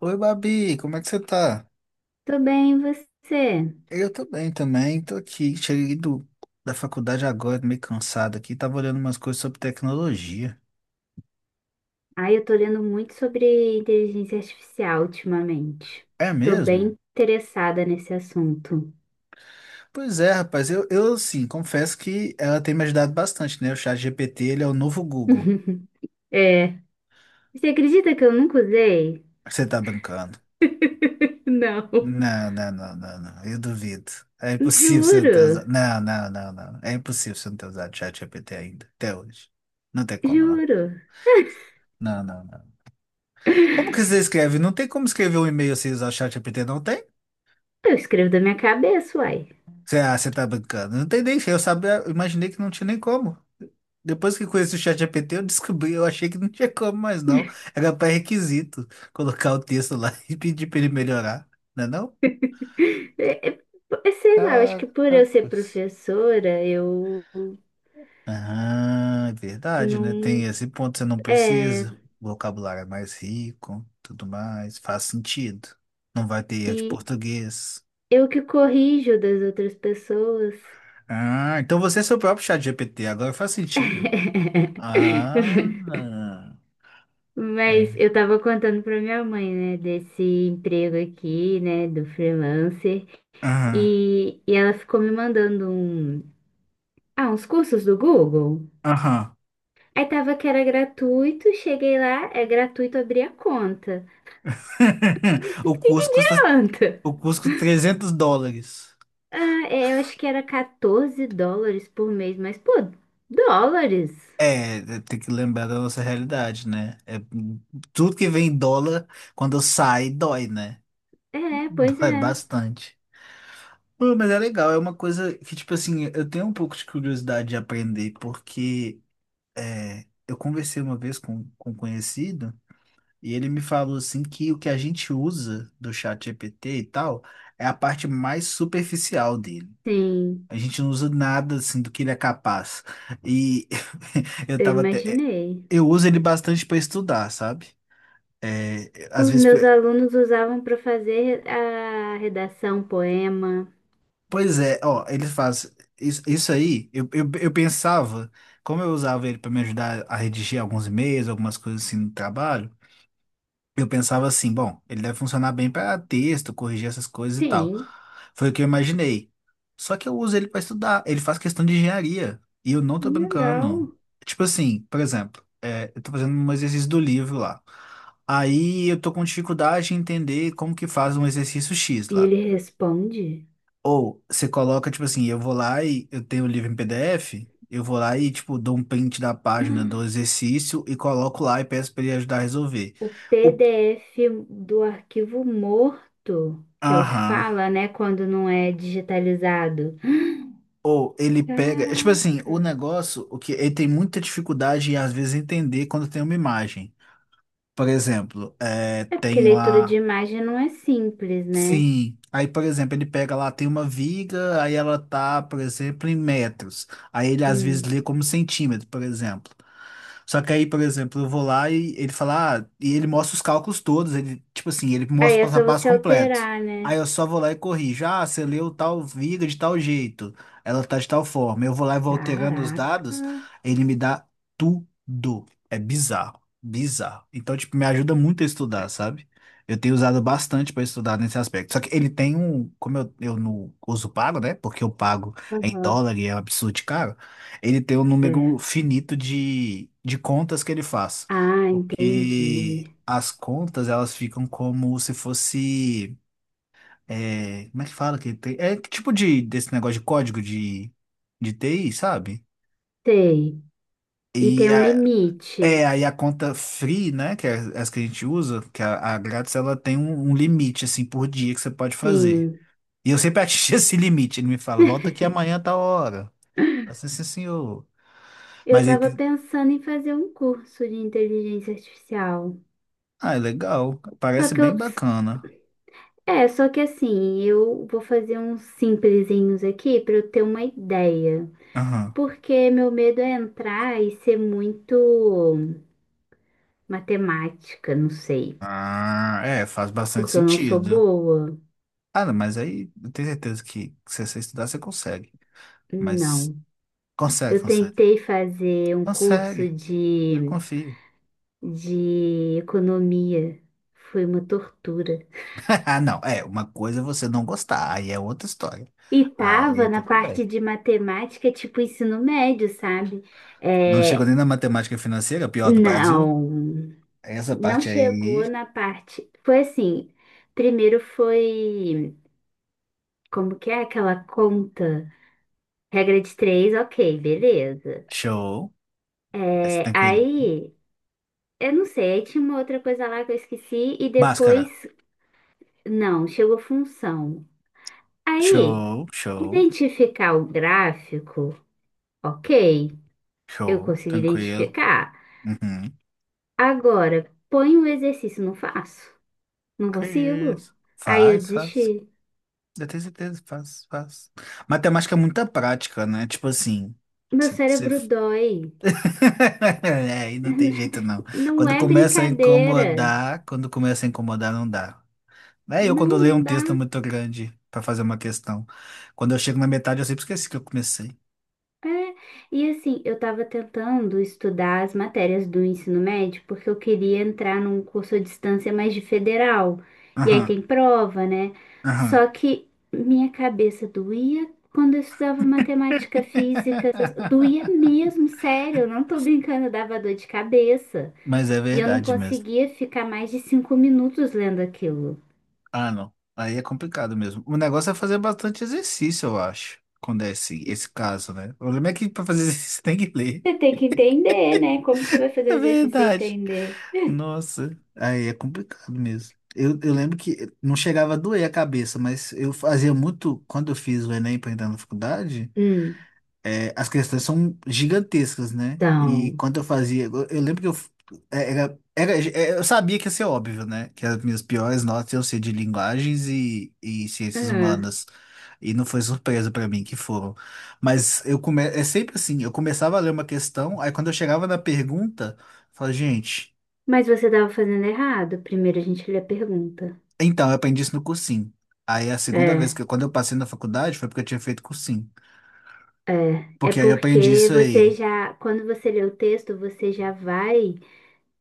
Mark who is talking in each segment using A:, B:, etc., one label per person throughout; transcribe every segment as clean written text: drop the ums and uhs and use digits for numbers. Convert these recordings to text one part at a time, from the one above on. A: Oi, Babi, como é que você tá?
B: Tô bem, e você?
A: Eu tô bem também, tô aqui, cheguei da faculdade agora, meio cansado aqui, tava olhando umas coisas sobre tecnologia.
B: Ai, eu tô lendo muito sobre inteligência artificial ultimamente.
A: É
B: Tô
A: mesmo?
B: bem interessada nesse assunto.
A: Pois é, rapaz, eu sim, confesso que ela tem me ajudado bastante, né? O chat GPT, ele é o novo Google.
B: É. Você acredita que eu nunca usei?
A: Você tá brincando?
B: Não.
A: Não, não, não, não, não, eu duvido. É impossível você não ter
B: Juro,
A: usado. Não, não, não, não. É impossível você não ter usado o chat GPT ainda, até hoje. Não tem como, não.
B: juro.
A: Não, não, não.
B: Eu
A: Como que você escreve? Não tem como escrever um e-mail sem usar o ChatGPT, não tem?
B: escrevo da minha cabeça, uai.
A: Você tá brincando. Não tem nem, eu sabia, eu imaginei que não tinha nem como. Depois que conheci o ChatGPT, eu descobri, eu achei que não tinha como mais não. Era pré-requisito colocar o texto lá e pedir pra ele melhorar, não é não?
B: É, é, é, sei lá, eu acho que por eu ser
A: Caracas.
B: professora, eu
A: Ah, é verdade, né? Tem
B: não.
A: esse ponto, você não
B: É.
A: precisa. O vocabulário é mais rico, tudo mais, faz sentido. Não vai ter erro de
B: E
A: português.
B: eu que corrijo das outras pessoas.
A: Ah, então você é seu próprio chat GPT, agora faz sentido. Ah,
B: Mas
A: é.
B: eu tava contando pra minha mãe, né, desse emprego aqui, né, do freelancer,
A: Aham,
B: e ela ficou me mandando uns cursos do Google.
A: aham.
B: Aí tava que era gratuito, cheguei lá, é gratuito abrir a conta. O que
A: O
B: que
A: curso custa,
B: adianta?
A: o curso custa 300 dólares.
B: Ah, é, eu acho que era 14 dólares por mês, mas pô, dólares?
A: É, é, tem que lembrar da nossa realidade, né? É, tudo que vem em dólar, quando sai, dói, né?
B: É, pois
A: Dói
B: é.
A: bastante. Pô, mas é legal, é uma coisa que, tipo assim, eu tenho um pouco de curiosidade de aprender, porque é, eu conversei uma vez com um conhecido. E ele me falou assim que o que a gente usa do chat GPT e tal é a parte mais superficial dele.
B: Sim,
A: A gente não usa nada assim do que ele é capaz. E eu
B: eu
A: tava até
B: imaginei.
A: eu uso ele bastante para estudar, sabe? É, às
B: Os
A: vezes,
B: meus alunos usavam para fazer a redação, poema.
A: pois é, ó, ele faz isso, isso aí. Eu pensava, como eu usava ele para me ajudar a redigir alguns e-mails, algumas coisas assim no trabalho, eu pensava assim, bom, ele deve funcionar bem para texto, corrigir essas coisas e tal.
B: Sim,
A: Foi o que eu imaginei. Só que eu uso ele para estudar. Ele faz questão de engenharia. E eu não tô brincando.
B: legal.
A: Tipo assim, por exemplo, é, eu tô fazendo um exercício do livro lá. Aí eu tô com dificuldade em entender como que faz um exercício X
B: E
A: lá.
B: ele responde:
A: Ou você coloca, tipo assim, eu vou lá e eu tenho o livro em PDF, eu vou lá e, tipo, dou um print da página do exercício e coloco lá e peço para ele ajudar a resolver.
B: o
A: O...
B: PDF do arquivo morto, que é o que
A: Aham.
B: fala, né, quando não é digitalizado.
A: Ou ele pega. Tipo assim,
B: Caraca.
A: o negócio, o que ele tem muita dificuldade em às vezes entender quando tem uma imagem. Por exemplo, é,
B: É porque
A: tem
B: leitura de
A: lá.
B: imagem não é simples, né?
A: Sim. Aí, por exemplo, ele pega lá, tem uma viga, aí ela tá, por exemplo, em metros. Aí ele às vezes
B: Hum.
A: lê como centímetro, por exemplo. Só que aí, por exemplo, eu vou lá e ele fala, ah, e ele mostra os cálculos todos, ele, tipo assim, ele mostra
B: Aí
A: o
B: é
A: passo a
B: só
A: passo
B: você
A: completo.
B: alterar, né?
A: Aí eu só vou lá e corrijo. Ah, você leu tal viga de tal jeito, ela tá de tal forma. Eu vou lá e vou alterando os
B: Caraca.
A: dados, ele me dá tudo. É bizarro, bizarro. Então, tipo, me ajuda muito a estudar, sabe? Eu tenho usado bastante para estudar nesse aspecto. Só que ele tem um, como eu não uso pago, né? Porque eu pago em
B: Aham.
A: dólar e é um absurdo de caro, ele tem um número
B: É.
A: finito de contas que ele faz,
B: Ah,
A: porque
B: entendi.
A: as contas elas ficam como se fosse, é, como é que fala que tem? É que tipo de desse negócio de código de, TI, sabe?
B: Sei. E
A: E
B: tem um
A: a,
B: limite.
A: aí a conta free, né, que é as que a gente usa, que é a grátis, ela tem um limite, assim, por dia que você pode fazer.
B: Sim.
A: E eu sempre atingi esse limite, ele me fala, volta aqui amanhã a tal hora. Eu falo assim, "Sim, senhor."
B: Eu
A: Mas aí
B: estava pensando em fazer um curso de inteligência artificial.
A: Ah, é legal.
B: Só
A: Parece
B: que
A: bem
B: eu,
A: bacana.
B: só que assim, eu vou fazer uns simplesinhos aqui para eu ter uma ideia.
A: Aham.
B: Porque meu medo é entrar e ser muito matemática, não sei.
A: Ah, é, faz bastante
B: Porque eu não sou
A: sentido.
B: boa.
A: Ah, não, mas aí eu tenho certeza que se você estudar, você consegue. Mas
B: Não.
A: consegue,
B: Eu
A: consegue.
B: tentei fazer um curso
A: Consegue. Eu confio.
B: de economia. Foi uma tortura.
A: Ah, não. É, uma coisa é você não gostar, aí é outra história.
B: E
A: Aí
B: tava na
A: tudo
B: parte
A: bem.
B: de matemática, tipo ensino médio, sabe?
A: Não chegou
B: É,
A: nem na matemática financeira, pior do Brasil.
B: não,
A: Essa
B: não
A: parte
B: chegou
A: aí,
B: na parte. Foi assim, primeiro foi, como que é aquela conta? Regra de três, ok, beleza.
A: show. Essa
B: É,
A: tranquilo.
B: aí, eu não sei, aí tinha uma outra coisa lá que eu esqueci e depois,
A: Báscara.
B: não, chegou função. Aí,
A: Show, show,
B: identificar o gráfico, ok, eu
A: show.
B: consegui
A: Tranquilo.
B: identificar.
A: Uhum.
B: Agora, põe o exercício, não faço. Não
A: Que
B: consigo.
A: isso?
B: Aí eu
A: Faz, faz.
B: desisti.
A: Eu tenho certeza, faz, faz. Matemática é muita prática, né? Tipo assim,
B: Meu
A: cê- cê-
B: cérebro dói.
A: É, aí não tem jeito, não.
B: Não
A: Quando
B: é
A: começa a
B: brincadeira.
A: incomodar, quando começa a incomodar, não dá. É eu quando
B: Não,
A: leio
B: não
A: um
B: dá.
A: texto muito grande pra fazer uma questão. Quando eu chego na metade, eu sempre esqueci que eu comecei.
B: É, e assim, eu estava tentando estudar as matérias do ensino médio porque eu queria entrar num curso à distância mais de federal. E aí
A: Aham,
B: tem prova, né?
A: aham.
B: Só que minha cabeça doía quando eu estudava matemática, física, essas- doía mesmo, sério, eu não tô brincando, dava dor de cabeça.
A: Mas é
B: E eu não
A: verdade mesmo.
B: conseguia ficar mais de cinco minutos lendo aquilo.
A: Ah, não. Aí é complicado mesmo. O negócio é fazer bastante exercício, eu acho, quando é esse caso, né? O problema é que para fazer exercício você tem que ler.
B: Você tem que entender, né? Como que você vai
A: É
B: fazer exercício sem
A: verdade.
B: entender?
A: Nossa, aí é complicado mesmo. Eu lembro que não chegava a doer a cabeça, mas eu fazia muito, quando eu fiz o Enem para entrar na faculdade,
B: Hum.
A: é, as questões são gigantescas, né? E
B: Então.
A: quando eu fazia, eu lembro que eu f- é, era, era, é, eu sabia que ia ser óbvio, né? Que as minhas piores notas iam ser de linguagens e ciências humanas. E não foi surpresa pra mim que foram. Mas é sempre assim, eu começava a ler uma questão, aí quando eu chegava na pergunta, eu falava, gente,
B: Mas você estava fazendo errado. Primeiro a gente lê a pergunta.
A: então, eu aprendi isso no cursinho. Aí a segunda vez
B: É.
A: que eu, quando eu passei na faculdade foi porque eu tinha feito cursinho.
B: É, é
A: Porque aí eu aprendi
B: porque
A: isso
B: você
A: aí.
B: já, quando você lê o texto, você já vai,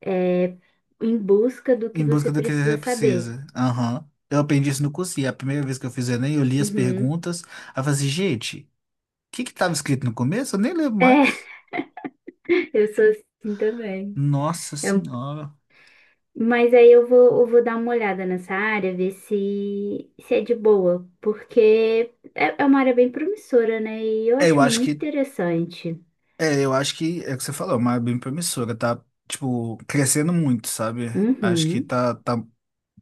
B: é, em busca do que
A: Em
B: você
A: busca do que
B: precisa
A: você
B: saber.
A: precisa. Aham. Eu aprendi isso no curso e a primeira vez que eu fiz o Enem, eu li as
B: Uhum.
A: perguntas. Aí eu falei assim, gente, o que que estava escrito no começo? Eu nem lembro
B: É,
A: mais.
B: eu sou assim também.
A: Nossa
B: É um-
A: Senhora.
B: mas aí eu vou dar uma olhada nessa área, ver se, se é de boa, porque é uma área bem promissora, né? E eu
A: É, eu
B: acho
A: acho
B: muito
A: que,
B: interessante.
A: eu acho que é o que você falou, é uma área bem promissora, tá, tipo, crescendo muito, sabe? Acho que
B: Uhum.
A: tá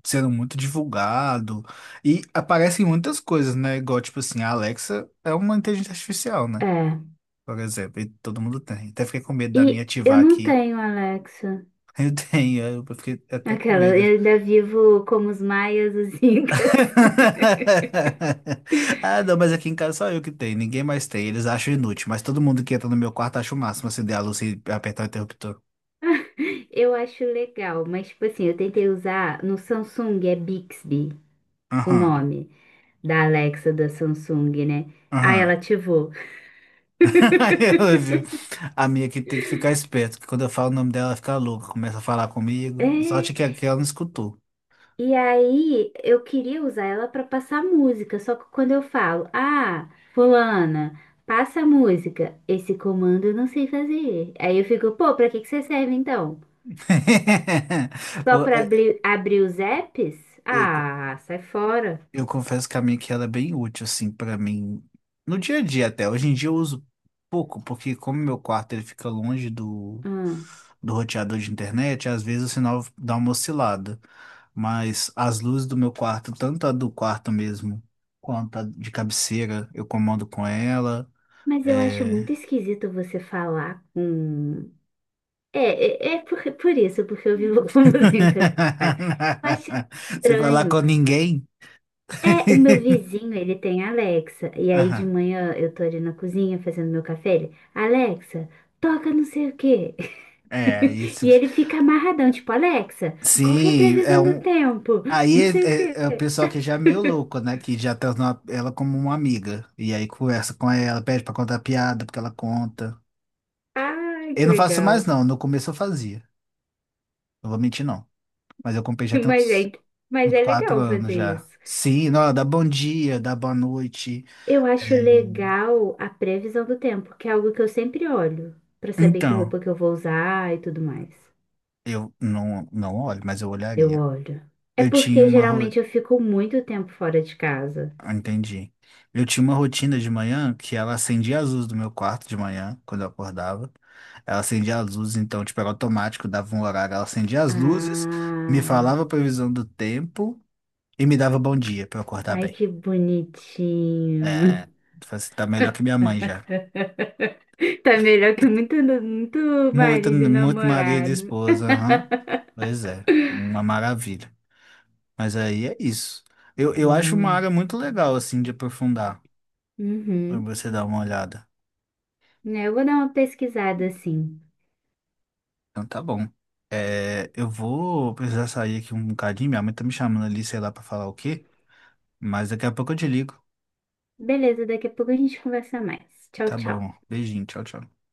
A: sendo muito divulgado e aparecem muitas coisas, né? Igual, tipo assim, a Alexa é uma inteligência artificial, né?
B: É.
A: Por exemplo, e todo mundo tem. Até fiquei com medo da minha
B: E eu
A: ativar
B: não
A: aqui.
B: tenho, Alexa.
A: Eu tenho, eu fiquei até com
B: Aquela,
A: medo.
B: eu ainda vivo como os maias, os incas.
A: Ah, não, mas aqui em casa só eu que tenho, ninguém mais tem. Eles acham inútil, mas todo mundo que entra no meu quarto acha o máximo acender a luz e apertar o interruptor.
B: Eu acho legal, mas tipo assim, eu tentei usar no Samsung, é Bixby o
A: Aham,
B: nome da Alexa da Samsung, né? Ah, ela
A: aham.
B: ativou.
A: Ela viu. A minha aqui tem que ficar esperto, que quando eu falo o nome dela, ela fica louca, começa a falar
B: É,
A: comigo. Sorte
B: e
A: que, ela não escutou.
B: aí eu queria usar ela para passar música, só que quando eu falo, ah, fulana, passa a música, esse comando eu não sei fazer. Aí eu fico, pô, pra que que você serve então? Só para abrir os apps?
A: Eu- eu-
B: Ah, sai fora.
A: Eu confesso que a minha que ela é bem útil, assim, pra mim. No dia a dia até. Hoje em dia eu uso pouco, porque como meu quarto ele fica longe do,
B: Ah,
A: do roteador de internet, às vezes o sinal dá uma oscilada. Mas as luzes do meu quarto, tanto a do quarto mesmo, quanto a de cabeceira, eu comando com ela.
B: mas eu acho
A: É...
B: muito esquisito você falar com. É, é, por isso, porque eu vivo com músicas. Faz. Eu acho
A: Você vai lá
B: estranho.
A: com ninguém?
B: É, o meu vizinho, ele tem Alexa. E aí de
A: Aham.
B: manhã eu tô ali na cozinha fazendo meu café. Ele, Alexa, toca não sei o quê.
A: É, isso.
B: E ele fica amarradão, tipo, Alexa, qual que é a
A: Sim, é
B: previsão do
A: um.
B: tempo?
A: Aí
B: Não
A: é,
B: sei o quê.
A: é- é o pessoal que já é meio louco, né? Que já tá na- ela como uma amiga. E aí conversa com ela, pede pra contar piada, porque ela conta.
B: Ai,
A: Eu
B: que
A: não faço mais,
B: legal.
A: não. No começo eu fazia. Não vou mentir, não. Mas eu comprei já tem
B: Mas
A: uns,
B: é, mas
A: uns
B: é
A: quatro
B: legal
A: anos
B: fazer
A: já.
B: isso.
A: Sim, não, ela dá bom dia, dá boa noite.
B: Eu acho legal a previsão do tempo, que é algo que eu sempre olho, pra saber que
A: Então,
B: roupa que eu vou usar e tudo mais.
A: eu não, não olho, mas eu
B: Eu
A: olharia.
B: olho. É
A: Eu tinha
B: porque
A: uma.
B: geralmente eu fico muito tempo fora de casa.
A: Ah, entendi. Eu tinha uma rotina de manhã que ela acendia as luzes do meu quarto de manhã, quando eu acordava. Ela acendia as luzes, então, tipo, era automático, dava um horário. Ela acendia as luzes, me
B: Ah,
A: falava a previsão do tempo e me dava bom dia pra eu acordar
B: ai
A: bem.
B: que bonitinho.
A: É, falei assim, tá melhor que minha mãe já.
B: Tá melhor que muito, muito
A: Muito,
B: marido e
A: muito marido e
B: namorado.
A: esposa, aham. Pois é, uma maravilha. Mas aí é isso. Eu acho uma área
B: Nossa.
A: muito legal, assim, de aprofundar, pra
B: Uhum.
A: você dar uma olhada.
B: É, eu vou dar uma pesquisada assim.
A: Então tá bom. É, eu vou precisar sair aqui um bocadinho. Minha mãe tá me chamando ali, sei lá, pra falar o quê. Mas daqui a pouco eu te ligo.
B: Beleza, daqui a pouco a gente conversa mais. Tchau,
A: Tá
B: tchau.
A: bom. Beijinho. Tchau, tchau.